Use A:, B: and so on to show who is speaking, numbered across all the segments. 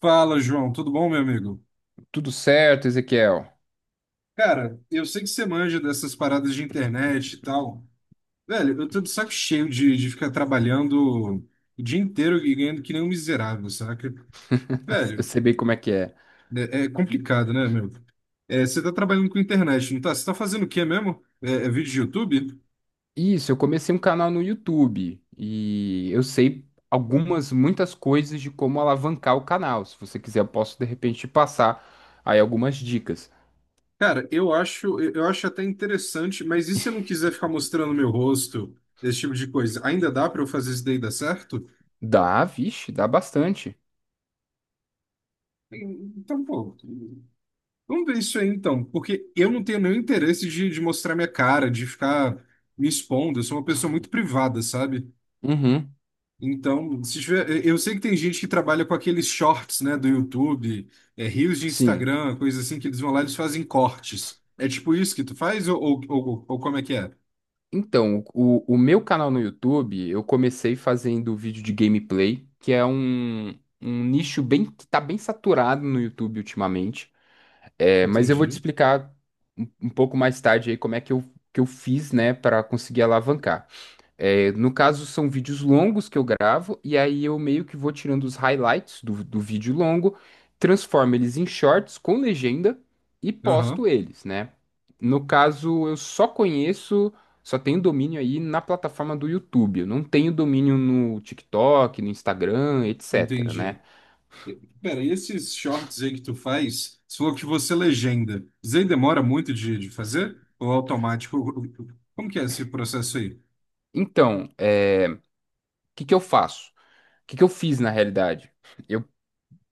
A: Fala, João, tudo bom, meu amigo?
B: Tudo certo, Ezequiel?
A: Cara, eu sei que você manja dessas paradas de internet e tal. Velho, eu tô de saco cheio de ficar trabalhando o dia inteiro e ganhando que nem um miserável, saca?
B: Eu
A: Velho,
B: sei bem como é que é.
A: é complicado, né, meu? É, você tá trabalhando com internet, não tá? Você tá fazendo o quê mesmo? É vídeo de YouTube?
B: Isso, eu comecei um canal no YouTube e eu sei muitas coisas de como alavancar o canal. Se você quiser, eu posso de repente te passar aí algumas dicas.
A: Cara, eu acho, eu acho até interessante, mas e se eu não quiser ficar mostrando meu rosto, esse tipo de coisa? Ainda dá pra eu fazer isso daí dar certo?
B: Dá, vixe, dá bastante.
A: Então, pô. Vamos ver isso aí então, porque eu não tenho nenhum interesse de mostrar minha cara, de ficar me expondo. Eu sou uma pessoa muito privada, sabe?
B: Uhum.
A: Então, se tiver, eu sei que tem gente que trabalha com aqueles shorts, né, do YouTube, é, reels de
B: Sim.
A: Instagram, coisa assim, que eles vão lá e eles fazem cortes. É tipo isso que tu faz ou como é que é?
B: Então, o meu canal no YouTube, eu comecei fazendo vídeo de gameplay, que é um nicho bem que tá bem saturado no YouTube ultimamente. É, mas eu vou te
A: Entendi.
B: explicar um pouco mais tarde aí como é que que eu fiz, né, para conseguir alavancar. É, no caso, são vídeos longos que eu gravo, e aí eu meio que vou tirando os highlights do vídeo longo, transformo eles em shorts com legenda e posto
A: Aham,
B: eles, né? No caso, só tenho domínio aí na plataforma do YouTube. Eu não tenho domínio no TikTok, no Instagram, etc, né?
A: entendi. Pera, e esses shorts aí que tu faz, você falou que você é legenda. Isso aí demora muito de fazer? Ou é automático? Como que é esse processo aí?
B: Então, é, o que que eu faço? O que que eu fiz na realidade?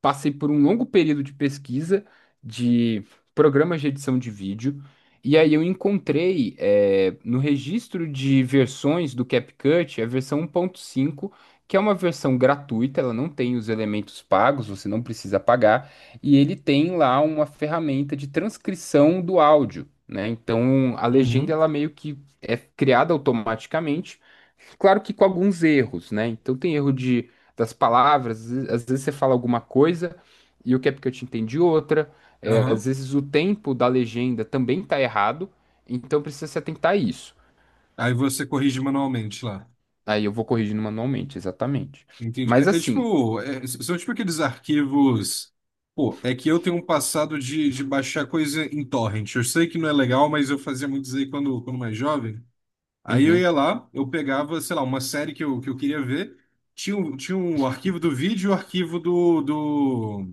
B: Passei por um longo período de pesquisa de programas de edição de vídeo, e aí eu encontrei no registro de versões do CapCut a versão 1.5, que é uma versão gratuita, ela não tem os elementos pagos, você não precisa pagar, e ele tem lá uma ferramenta de transcrição do áudio, né? Então a legenda
A: Uhum.
B: ela meio que é criada automaticamente. Claro que com alguns erros, né? Então tem erro de das palavras. Às vezes você fala alguma coisa e o Capcut entende outra. É,
A: Aham.
B: às vezes o tempo da legenda também tá errado, então precisa se atentar a isso.
A: Aí você corrige manualmente lá.
B: Aí eu vou corrigindo manualmente, exatamente.
A: Entendi.
B: Mas
A: É, é
B: assim.
A: tipo, é, são tipo aqueles arquivos. Pô, é que eu tenho um passado de baixar coisa em torrent. Eu sei que não é legal, mas eu fazia muito isso aí quando mais jovem. Aí eu
B: Uhum.
A: ia lá, eu pegava, sei lá, uma série que eu queria ver. Tinha, tinha um arquivo do vídeo e o arquivo do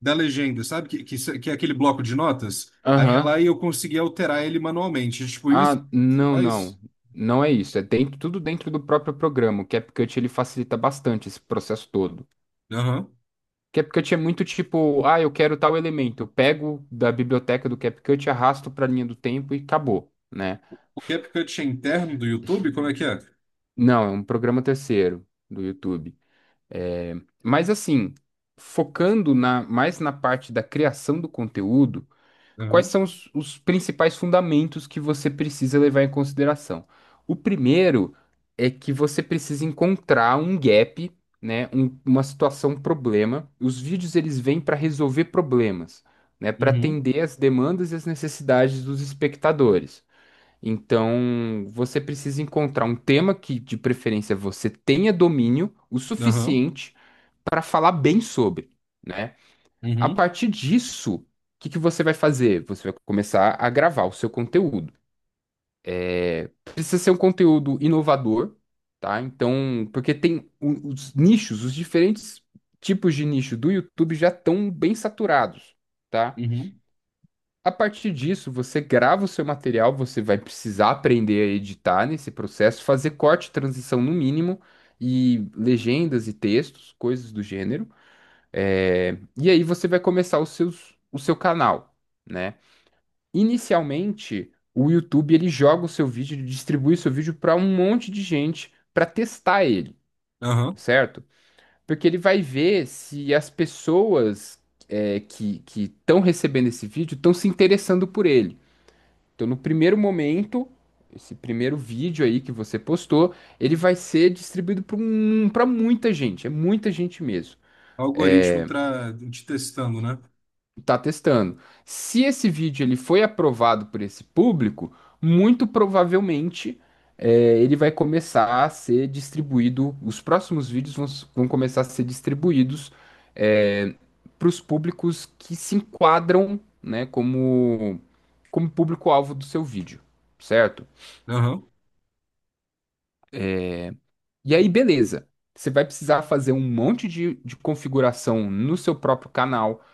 A: da legenda, sabe? Que é aquele bloco de notas. Aí ia
B: Aham.
A: lá e eu conseguia alterar ele manualmente. Tipo isso?
B: Ah,
A: Você
B: não,
A: faz?
B: não, não é isso. É dentro, tudo dentro do próprio programa. O CapCut ele facilita bastante esse processo todo.
A: Aham.
B: CapCut é muito tipo, ah, eu quero tal elemento, eu pego da biblioteca do CapCut, arrasto para a linha do tempo e acabou, né?
A: CapCut é interno do YouTube? Como é que é?
B: Não, é um programa terceiro do YouTube. É, mas assim, focando na, mais na parte da criação do conteúdo, quais
A: Aham,
B: são os principais fundamentos que você precisa levar em consideração? O primeiro é que você precisa encontrar um gap, né, uma situação, um problema. Os vídeos eles vêm para resolver problemas, né, para
A: uhum,
B: atender as demandas e as necessidades dos espectadores. Então, você precisa encontrar um tema que, de preferência, você tenha domínio o
A: aham,
B: suficiente para falar bem sobre, né? A
A: uhum,
B: partir disso, o que que você vai fazer? Você vai começar a gravar o seu conteúdo. Precisa ser um conteúdo inovador, tá? Então, porque tem os nichos, os diferentes tipos de nicho do YouTube já estão bem saturados, tá?
A: uhum,
B: A partir disso, você grava o seu material, você vai precisar aprender a editar nesse processo, fazer corte, transição no mínimo, e legendas e textos, coisas do gênero. É, e aí você vai começar o seu canal, né? Inicialmente, o YouTube ele joga o seu vídeo, ele distribui o seu vídeo para um monte de gente para testar ele,
A: aham.
B: certo? Porque ele vai ver se as pessoas que estão recebendo esse vídeo estão se interessando por ele. Então, no primeiro momento, esse primeiro vídeo aí que você postou, ele vai ser distribuído para muita gente, é muita gente mesmo.
A: Algoritmo tra... te testando, né?
B: Tá testando. Se esse vídeo ele foi aprovado por esse público, muito provavelmente ele vai começar a ser distribuído. Os próximos vídeos vão começar a ser distribuídos é, para os públicos que se enquadram, né, como público-alvo do seu vídeo, certo?
A: Aham.
B: E aí, beleza. Você vai precisar fazer um monte de configuração no seu próprio canal.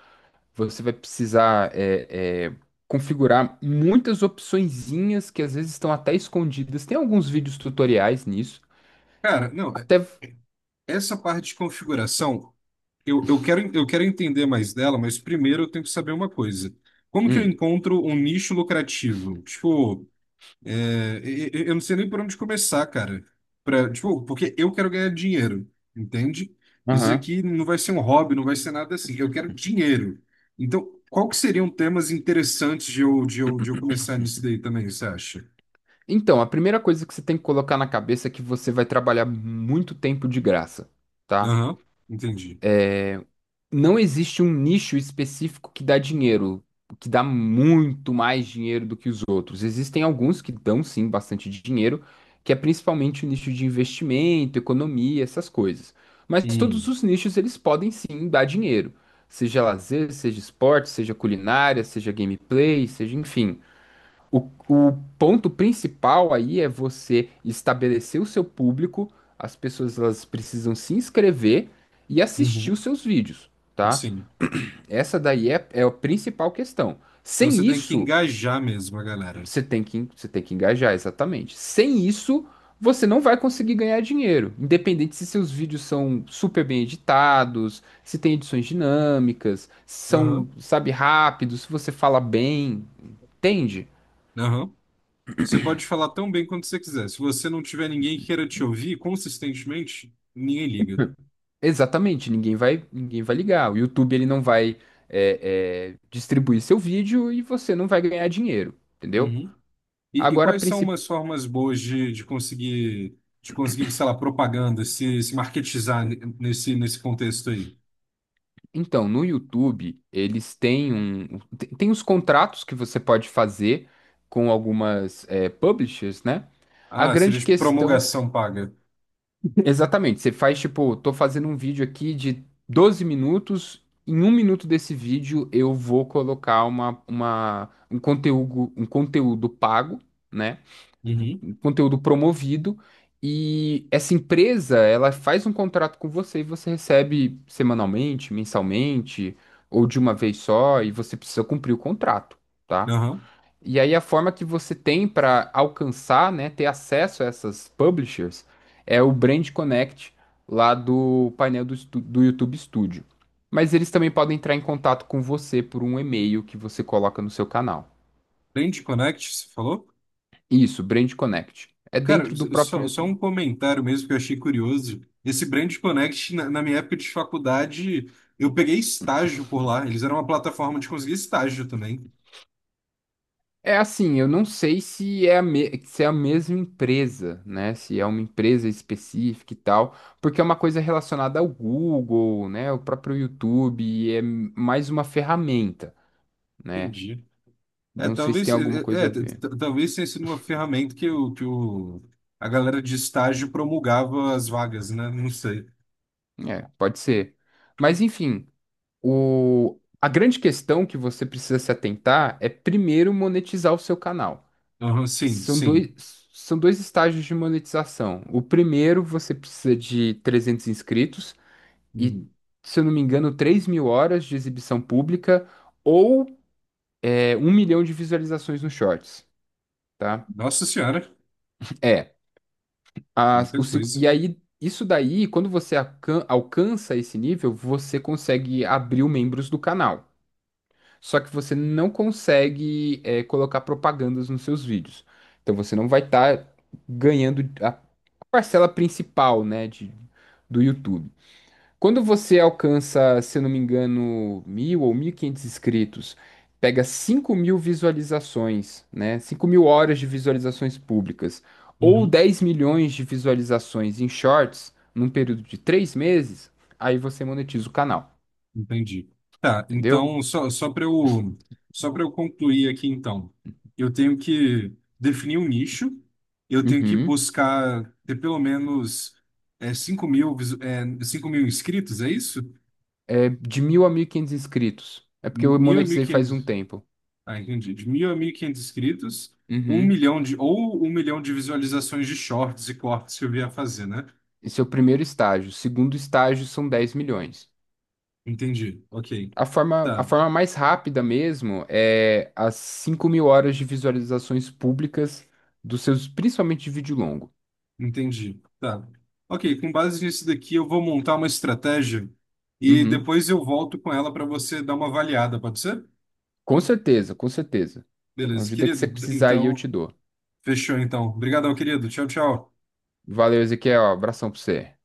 B: Você vai precisar configurar muitas opçõezinhas que às vezes estão até escondidas. Tem alguns vídeos tutoriais nisso.
A: Cara, não,
B: Até.
A: é, essa parte de configuração, eu quero entender mais dela, mas primeiro eu tenho que saber uma coisa. Como que eu
B: Hum.
A: encontro um nicho lucrativo? Tipo, é, eu não sei nem por onde começar, cara. Pra, tipo, porque eu quero ganhar dinheiro, entende? Isso
B: Aham.
A: aqui não vai ser um hobby, não vai ser nada assim. Eu quero dinheiro. Então, qual que seriam temas interessantes de eu começar nisso daí também, você acha?
B: Então, a primeira coisa que você tem que colocar na cabeça é que você vai trabalhar muito tempo de graça, tá?
A: Aham, entendi.
B: Não existe um nicho específico que dá dinheiro, que dá muito mais dinheiro do que os outros. Existem alguns que dão sim bastante dinheiro, que é principalmente o nicho de investimento, economia, essas coisas. Mas todos
A: Hum,
B: os nichos eles podem sim dar dinheiro, seja lazer, seja esporte, seja culinária, seja gameplay, seja enfim. O ponto principal aí é você estabelecer o seu público, as pessoas elas precisam se inscrever e assistir
A: uhum.
B: os seus vídeos, tá?
A: Sim.
B: Essa daí é a principal questão.
A: Então
B: Sem
A: você tem que
B: isso,
A: engajar mesmo a galera.
B: você tem que engajar, exatamente. Sem isso, você não vai conseguir ganhar dinheiro. Independente se seus vídeos são super bem editados, se tem edições dinâmicas, se são,
A: Aham,
B: sabe, rápidos, se você fala bem, entende?
A: aham. Você pode falar tão bem quanto você quiser. Se você não tiver ninguém que queira te ouvir consistentemente, ninguém liga.
B: Exatamente, ninguém vai ligar. O YouTube ele não vai distribuir seu vídeo e você não vai ganhar dinheiro, entendeu?
A: Uhum. E
B: Agora, a
A: quais são
B: principal.
A: umas formas boas de conseguir, sei lá, propaganda, se marketizar nesse, nesse contexto aí?
B: Então, no YouTube, eles têm um. Tem os contratos que você pode fazer com algumas publishers, né? A
A: Ah, seria
B: grande
A: de
B: questão.
A: promulgação paga.
B: Exatamente, você faz tipo, tô fazendo um vídeo aqui de 12 minutos. Em 1 minuto desse vídeo, eu vou colocar um conteúdo pago, né?
A: Uhum.
B: Conteúdo promovido e essa empresa, ela faz um contrato com você e você recebe semanalmente, mensalmente ou de uma vez só e você precisa cumprir o contrato, tá?
A: Aham.
B: E aí a forma que você tem para alcançar, né, ter acesso a essas publishers é o Brand Connect lá do painel do YouTube Studio. Mas eles também podem entrar em contato com você por um e-mail que você coloca no seu canal.
A: Brand Connect, você falou?
B: Isso, Brand Connect. É
A: Cara,
B: dentro do próprio
A: só um
B: YouTube.
A: comentário mesmo que eu achei curioso. Esse Brand Connect, na minha época de faculdade, eu peguei estágio por lá. Eles eram uma plataforma de conseguir estágio também.
B: É assim, eu não sei se é a mesma empresa, né? Se é uma empresa específica e tal, porque é uma coisa relacionada ao Google, né? O próprio YouTube e é mais uma ferramenta, né?
A: Entendi. É,
B: Não sei se tem
A: talvez, é,
B: alguma
A: é,
B: coisa
A: é,
B: a
A: t-
B: ver.
A: t- talvez tenha sido uma ferramenta que o, a galera de estágio promulgava as vagas, né? Não sei.
B: É, pode ser. Mas enfim, a grande questão que você precisa se atentar é primeiro monetizar o seu canal.
A: Aham, sim, sim.
B: São dois estágios de monetização. O primeiro, você precisa de 300 inscritos. E,
A: Hum.
B: se eu não me engano, 3.000 horas de exibição pública ou 1 milhão de visualizações nos shorts, tá?
A: Nossa Senhora,
B: É.
A: muita
B: E
A: coisa.
B: aí, isso daí, quando você alcança esse nível, você consegue abrir os membros do canal. Só que você não consegue colocar propagandas nos seus vídeos. Então você não vai estar ganhando a parcela principal, né, do YouTube. Quando você alcança, se eu não me engano, 1.000 ou 1.500 inscritos, pega 5.000 visualizações, né? 5.000 horas de visualizações públicas, ou
A: Uhum.
B: 10 milhões de visualizações em shorts, num período de 3 meses, aí você monetiza o canal,
A: Entendi. Tá,
B: entendeu?
A: então, só para só para eu concluir aqui, então, eu tenho que definir um nicho, eu tenho que
B: Uhum.
A: buscar ter pelo menos 5 mil, 5 mil inscritos, é isso?
B: É de 1.000 a 1.500 inscritos. É porque eu
A: Mil a mil e
B: monetizei faz um
A: quinhentos?
B: tempo.
A: Ah, entendi. De 1.000 a 1.500 inscritos,
B: Uhum.
A: ou 1 milhão de visualizações de shorts e cortes que eu vier fazer, né?
B: Esse é o primeiro estágio. O segundo estágio são 10 milhões.
A: Entendi. Ok.
B: A
A: Tá.
B: forma mais rápida mesmo é as 5.000 horas de visualizações públicas dos seus, principalmente de vídeo longo.
A: Entendi. Tá. Ok, com base nisso daqui, eu vou montar uma estratégia e
B: Uhum.
A: depois eu volto com ela para você dar uma avaliada, pode ser?
B: Com certeza, com certeza. A
A: Beleza,
B: ajuda que
A: querido.
B: você precisar aí eu te
A: Então,
B: dou.
A: fechou então. Obrigadão, querido. Tchau, tchau.
B: Valeu, Ezequiel. Abração pra você.